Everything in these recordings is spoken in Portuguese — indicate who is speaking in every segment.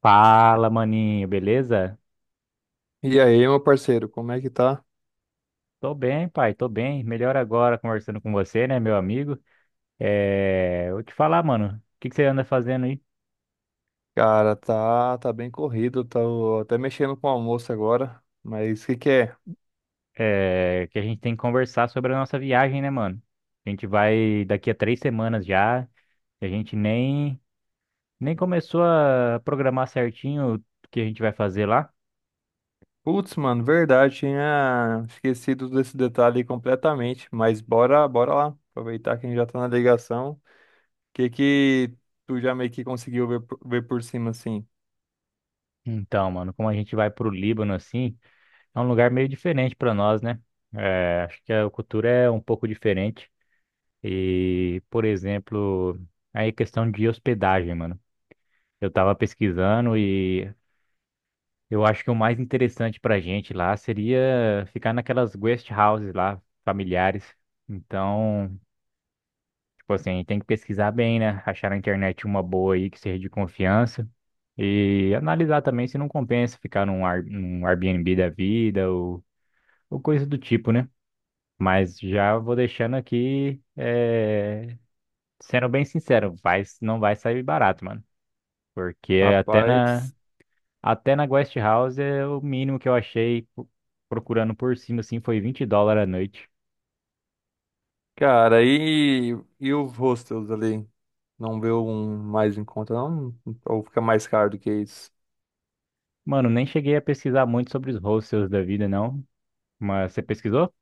Speaker 1: Fala, maninho, beleza?
Speaker 2: E aí, meu parceiro, como é que tá?
Speaker 1: Tô bem, pai, tô bem. Melhor agora conversando com você, né, meu amigo? É, vou te falar, mano, o que que você anda fazendo aí?
Speaker 2: Cara, tá bem corrido, tô até mexendo com o almoço agora, mas o que que é?
Speaker 1: É, que a gente tem que conversar sobre a nossa viagem, né, mano? A gente vai daqui a 3 semanas já, a gente nem começou a programar certinho o que a gente vai fazer lá.
Speaker 2: Putz, mano, verdade, tinha esquecido desse detalhe completamente, mas bora lá, aproveitar que a gente já tá na ligação. O que que tu já meio que conseguiu ver, ver por cima, assim?
Speaker 1: Então, mano, como a gente vai pro Líbano, assim, é um lugar meio diferente pra nós, né? É, acho que a cultura é um pouco diferente. E, por exemplo, aí questão de hospedagem, mano. Eu tava pesquisando e eu acho que o mais interessante pra gente lá seria ficar naquelas guest houses lá, familiares. Então, tipo assim, tem que pesquisar bem, né? Achar na internet uma boa aí que seja de confiança. E analisar também se não compensa ficar num Airbnb da vida ou coisa do tipo, né? Mas já vou deixando aqui sendo bem sincero, vai, não vai sair barato, mano. Porque até na,
Speaker 2: Rapaz,
Speaker 1: até na Guest House, é o mínimo que eu achei procurando por cima, assim, foi 20 dólares a noite.
Speaker 2: cara, e os hostels ali? Não vê um mais em conta, não? Ou fica mais caro do que isso?
Speaker 1: Mano, nem cheguei a pesquisar muito sobre os hostels da vida, não. Mas você pesquisou?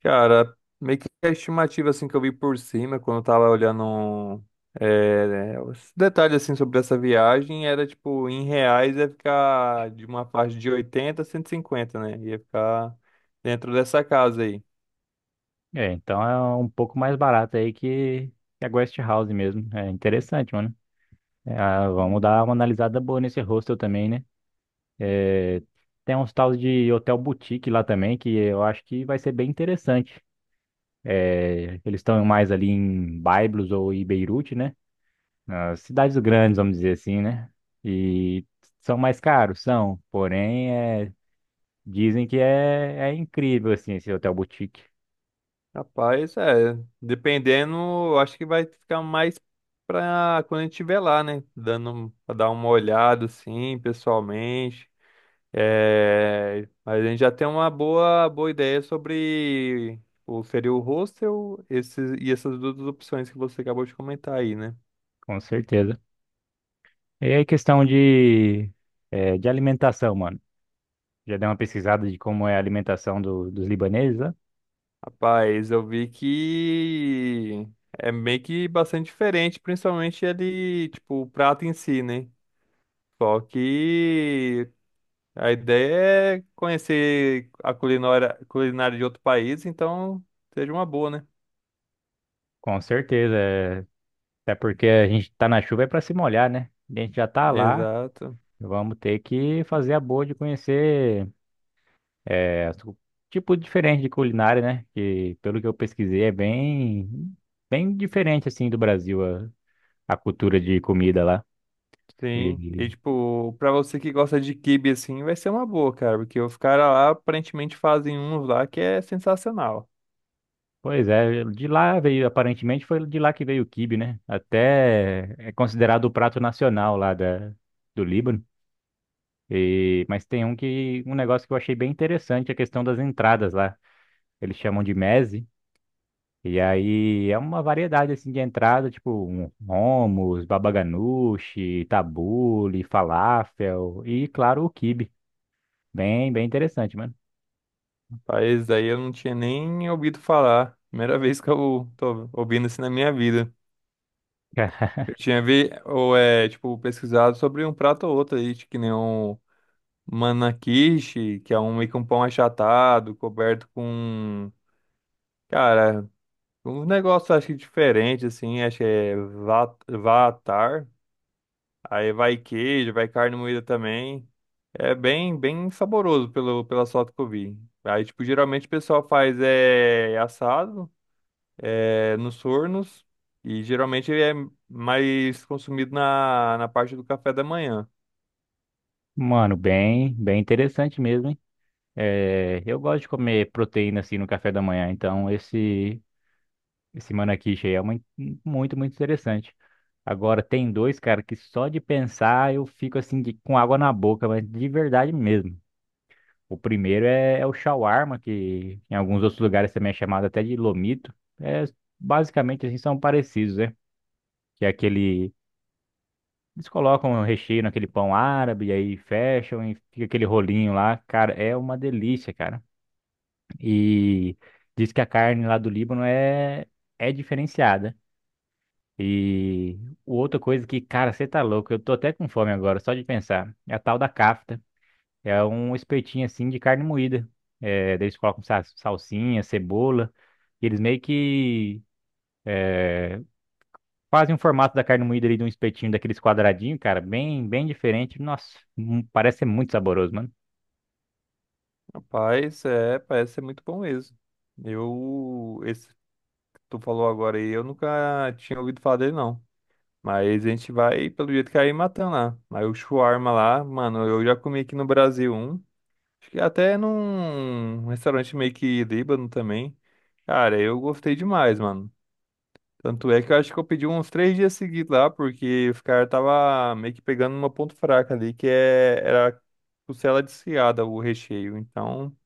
Speaker 2: Cara, meio que a estimativa assim que eu vi por cima, quando eu tava olhando é, né, os detalhes assim sobre essa viagem, era tipo, em reais ia ficar de uma faixa de 80 a 150, né? Ia ficar dentro dessa casa aí.
Speaker 1: É, então é um pouco mais barato aí que a Guest House mesmo. É interessante, mano. É, ah, vamos dar uma analisada boa nesse hostel também, né? Tem uns tals de hotel boutique lá também, que eu acho que vai ser bem interessante. É, eles estão mais ali em Byblos ou em Beirute, né? Nas cidades grandes, vamos dizer assim, né? E são mais caros, são. Porém, é, dizem que é incrível, assim, esse hotel boutique.
Speaker 2: Rapaz, é, dependendo, eu acho que vai ficar mais pra quando a gente estiver lá, né? Dando, pra dar uma olhada assim, pessoalmente. É, mas a gente já tem uma boa ideia sobre o seria o hostel esses, e essas duas opções que você acabou de comentar aí, né?
Speaker 1: Com certeza. E aí, questão de alimentação, mano. Já deu uma pesquisada de como é a alimentação dos libaneses, né?
Speaker 2: Rapaz, eu vi que é meio que bastante diferente, principalmente ali, tipo, o prato em si, né? Só que a ideia é conhecer a culinária, culinária de outro país, então seja uma boa, né?
Speaker 1: Com certeza. É. Até porque a gente tá na chuva é pra se molhar, né? A gente já tá lá.
Speaker 2: Exato.
Speaker 1: Vamos ter que fazer a boa de conhecer. É, tipo diferente de culinária, né? Que pelo que eu pesquisei é bem bem diferente assim do Brasil a cultura de comida lá.
Speaker 2: Sim,
Speaker 1: E,
Speaker 2: e tipo, pra você que gosta de quibe assim, vai ser uma boa, cara, porque os caras lá aparentemente fazem uns lá que é sensacional.
Speaker 1: pois é, de lá veio aparentemente foi de lá que veio o quibe, né? Até é considerado o prato nacional lá da do Líbano. E mas tem um que um negócio que eu achei bem interessante, a questão das entradas lá. Eles chamam de meze. E aí é uma variedade assim de entrada, tipo um hummus, baba ganoush, tabule, falafel e claro o quibe. Bem, bem interessante, mano.
Speaker 2: Rapaz, daí eu não tinha nem ouvido falar. Primeira vez que eu tô ouvindo isso na minha vida. Eu tinha vi, ou é, tipo, pesquisado sobre um prato ou outro aí, tipo, que nem um manakishi, que é um meio que um pão achatado, coberto com, cara, um negócio acho que diferente assim, acho que é vatar. Aí vai queijo, vai carne moída também. É bem saboroso pelo, pelas fotos que eu vi. Aí, tipo, geralmente o pessoal faz assado nos fornos e geralmente ele é mais consumido na parte do café da manhã.
Speaker 1: Mano, bem, bem interessante mesmo, hein? É, eu gosto de comer proteína assim no café da manhã, então esse manakish aí é muito, muito, muito interessante. Agora tem dois, cara, que só de pensar eu fico assim com água na boca, mas de verdade mesmo. O primeiro é o shawarma, que em alguns outros lugares também é chamado até de lomito. É, basicamente, assim, são parecidos, né? Que é aquele... Eles colocam o recheio naquele pão árabe, e aí fecham e fica aquele rolinho lá. Cara, é uma delícia, cara. E diz que a carne lá do Líbano é diferenciada. E outra coisa que, cara, você tá louco, eu tô até com fome agora, só de pensar, é a tal da kafta. É um espetinho assim de carne moída. É, daí eles colocam salsinha, cebola. E eles meio que fazem o formato da carne moída ali de um espetinho daqueles quadradinhos, cara, bem, bem diferente. Nossa, parece ser muito saboroso, mano.
Speaker 2: Rapaz, é, parece ser muito bom mesmo. Eu, esse que tu falou agora aí, eu nunca tinha ouvido falar dele, não. Mas a gente vai, pelo jeito que aí, matando lá. Aí o shawarma lá, mano, eu já comi aqui no Brasil um. Acho que até num restaurante meio que líbano também. Cara, eu gostei demais, mano. Tanto é que eu acho que eu pedi uns 3 dias seguidos lá, porque os caras tava meio que pegando uma ponto fraca ali, que é, era costela desfiada, o recheio. Então,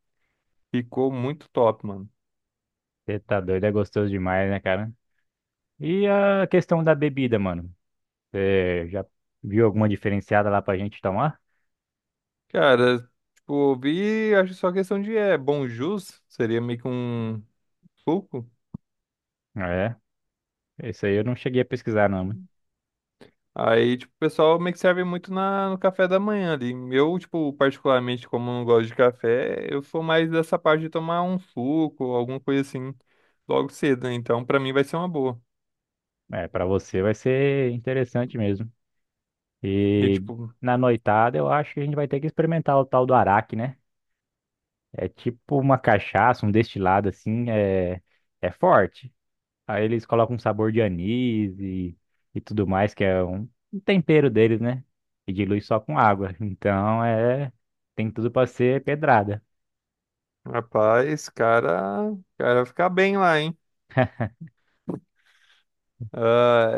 Speaker 2: ficou muito top, mano.
Speaker 1: Você tá doido, é gostoso demais, né, cara? E a questão da bebida, mano. Você já viu alguma diferenciada lá pra gente tomar?
Speaker 2: Cara, tipo, eu vi, acho que só questão de bom jus, seria meio que um suco.
Speaker 1: É, isso aí eu não cheguei a pesquisar, não, mano.
Speaker 2: Aí, tipo, o pessoal meio que serve muito no café da manhã ali. Eu, tipo, particularmente, como não gosto de café, eu sou mais dessa parte de tomar um suco, alguma coisa assim, logo cedo, né? Então, pra mim vai ser uma boa.
Speaker 1: É, pra você vai ser interessante mesmo.
Speaker 2: E,
Speaker 1: E
Speaker 2: tipo,
Speaker 1: na noitada eu acho que a gente vai ter que experimentar o tal do araque, né? É tipo uma cachaça, um destilado assim, é forte. Aí eles colocam um sabor de anis e tudo mais, que é um tempero deles, né? E dilui só com água. Então é, tem tudo pra ser pedrada.
Speaker 2: rapaz, cara, cara vai ficar bem lá, hein? Ah,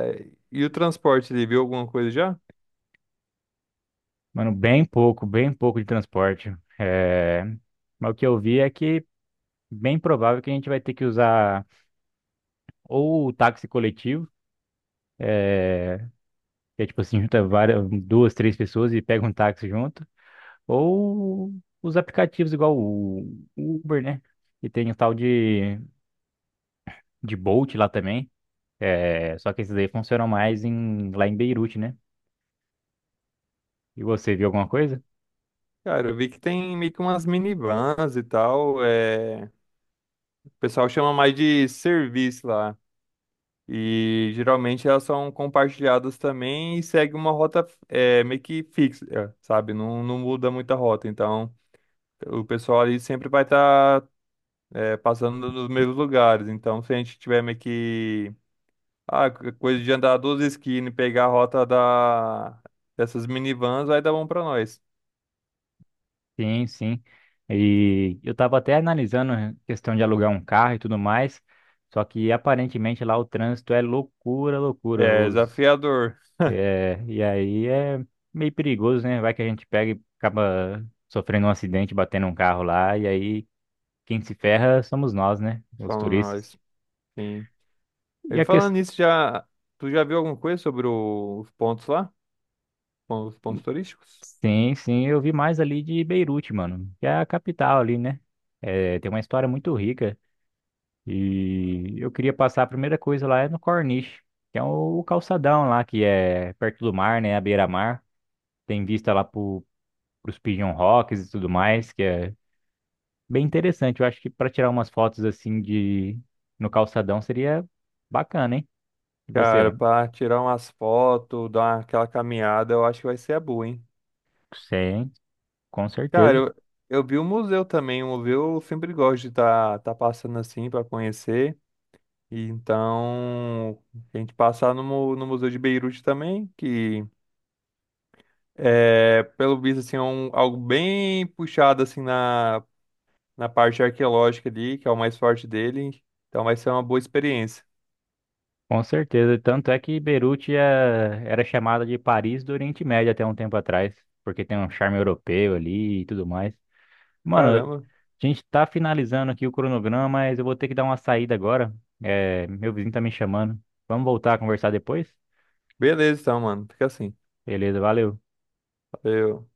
Speaker 2: e o transporte ali, viu alguma coisa já?
Speaker 1: Mano, bem pouco de transporte. É, mas o que eu vi é que bem provável que a gente vai ter que usar ou o táxi coletivo. É, que é tipo assim, junta várias, duas, três pessoas e pega um táxi junto, ou os aplicativos igual o Uber, né? E tem o tal de Bolt lá também, é, só que esses aí funcionam mais lá em Beirute, né? E você viu alguma coisa?
Speaker 2: Cara, eu vi que tem meio que umas minivans e tal. É... O pessoal chama mais de serviço lá. E geralmente elas são compartilhadas também e segue uma rota meio que fixa, sabe? Não muda muita rota. Então, o pessoal ali sempre vai estar passando nos mesmos lugares. Então, se a gente tiver meio que ah, coisa de andar duas esquinas e pegar a rota da, dessas minivans, vai dar bom pra nós.
Speaker 1: Sim, sim. E eu tava até analisando a questão de alugar um carro e tudo mais, só que aparentemente lá o trânsito é loucura, loucura.
Speaker 2: É
Speaker 1: Os
Speaker 2: desafiador,
Speaker 1: É, e aí é meio perigoso, né? Vai que a gente pega e acaba sofrendo um acidente, batendo um carro lá, e aí quem se ferra somos nós, né? Os
Speaker 2: falando
Speaker 1: turistas.
Speaker 2: nós. Sim.
Speaker 1: E
Speaker 2: E
Speaker 1: a
Speaker 2: falando
Speaker 1: questão.
Speaker 2: nisso, já, tu já viu alguma coisa sobre os pontos lá? Os pontos turísticos?
Speaker 1: Sim, sim, eu vi mais ali de Beirute, mano, que é a capital ali, né? É, tem uma história muito rica. E eu queria passar a primeira coisa lá é no Corniche, que é o calçadão lá, que é perto do mar, né? A beira-mar. Tem vista lá pros Pigeon Rocks e tudo mais, que é bem interessante. Eu acho que para tirar umas fotos assim de no calçadão seria bacana, hein? E você,
Speaker 2: Cara,
Speaker 1: mano?
Speaker 2: pra tirar umas fotos, dar uma- aquela caminhada, eu acho que vai ser a boa, hein?
Speaker 1: Sim, com
Speaker 2: Cara,
Speaker 1: certeza.
Speaker 2: eu vi o museu também, o museu eu sempre gosto de estar tá passando assim pra conhecer. E então, a gente passar no, no Museu de Beirute também, que é, pelo visto, assim, é um, algo bem puxado assim na, na parte arqueológica ali, que é o mais forte dele. Então vai ser uma boa experiência.
Speaker 1: Com certeza. Tanto é que Beirute era chamada de Paris do Oriente Médio até um tempo atrás, porque tem um charme europeu ali e tudo mais. Mano, a
Speaker 2: Caramba.
Speaker 1: gente tá finalizando aqui o cronograma, mas eu vou ter que dar uma saída agora. É, meu vizinho tá me chamando. Vamos voltar a conversar depois?
Speaker 2: Beleza então, mano. Fica assim.
Speaker 1: Beleza, valeu.
Speaker 2: Valeu.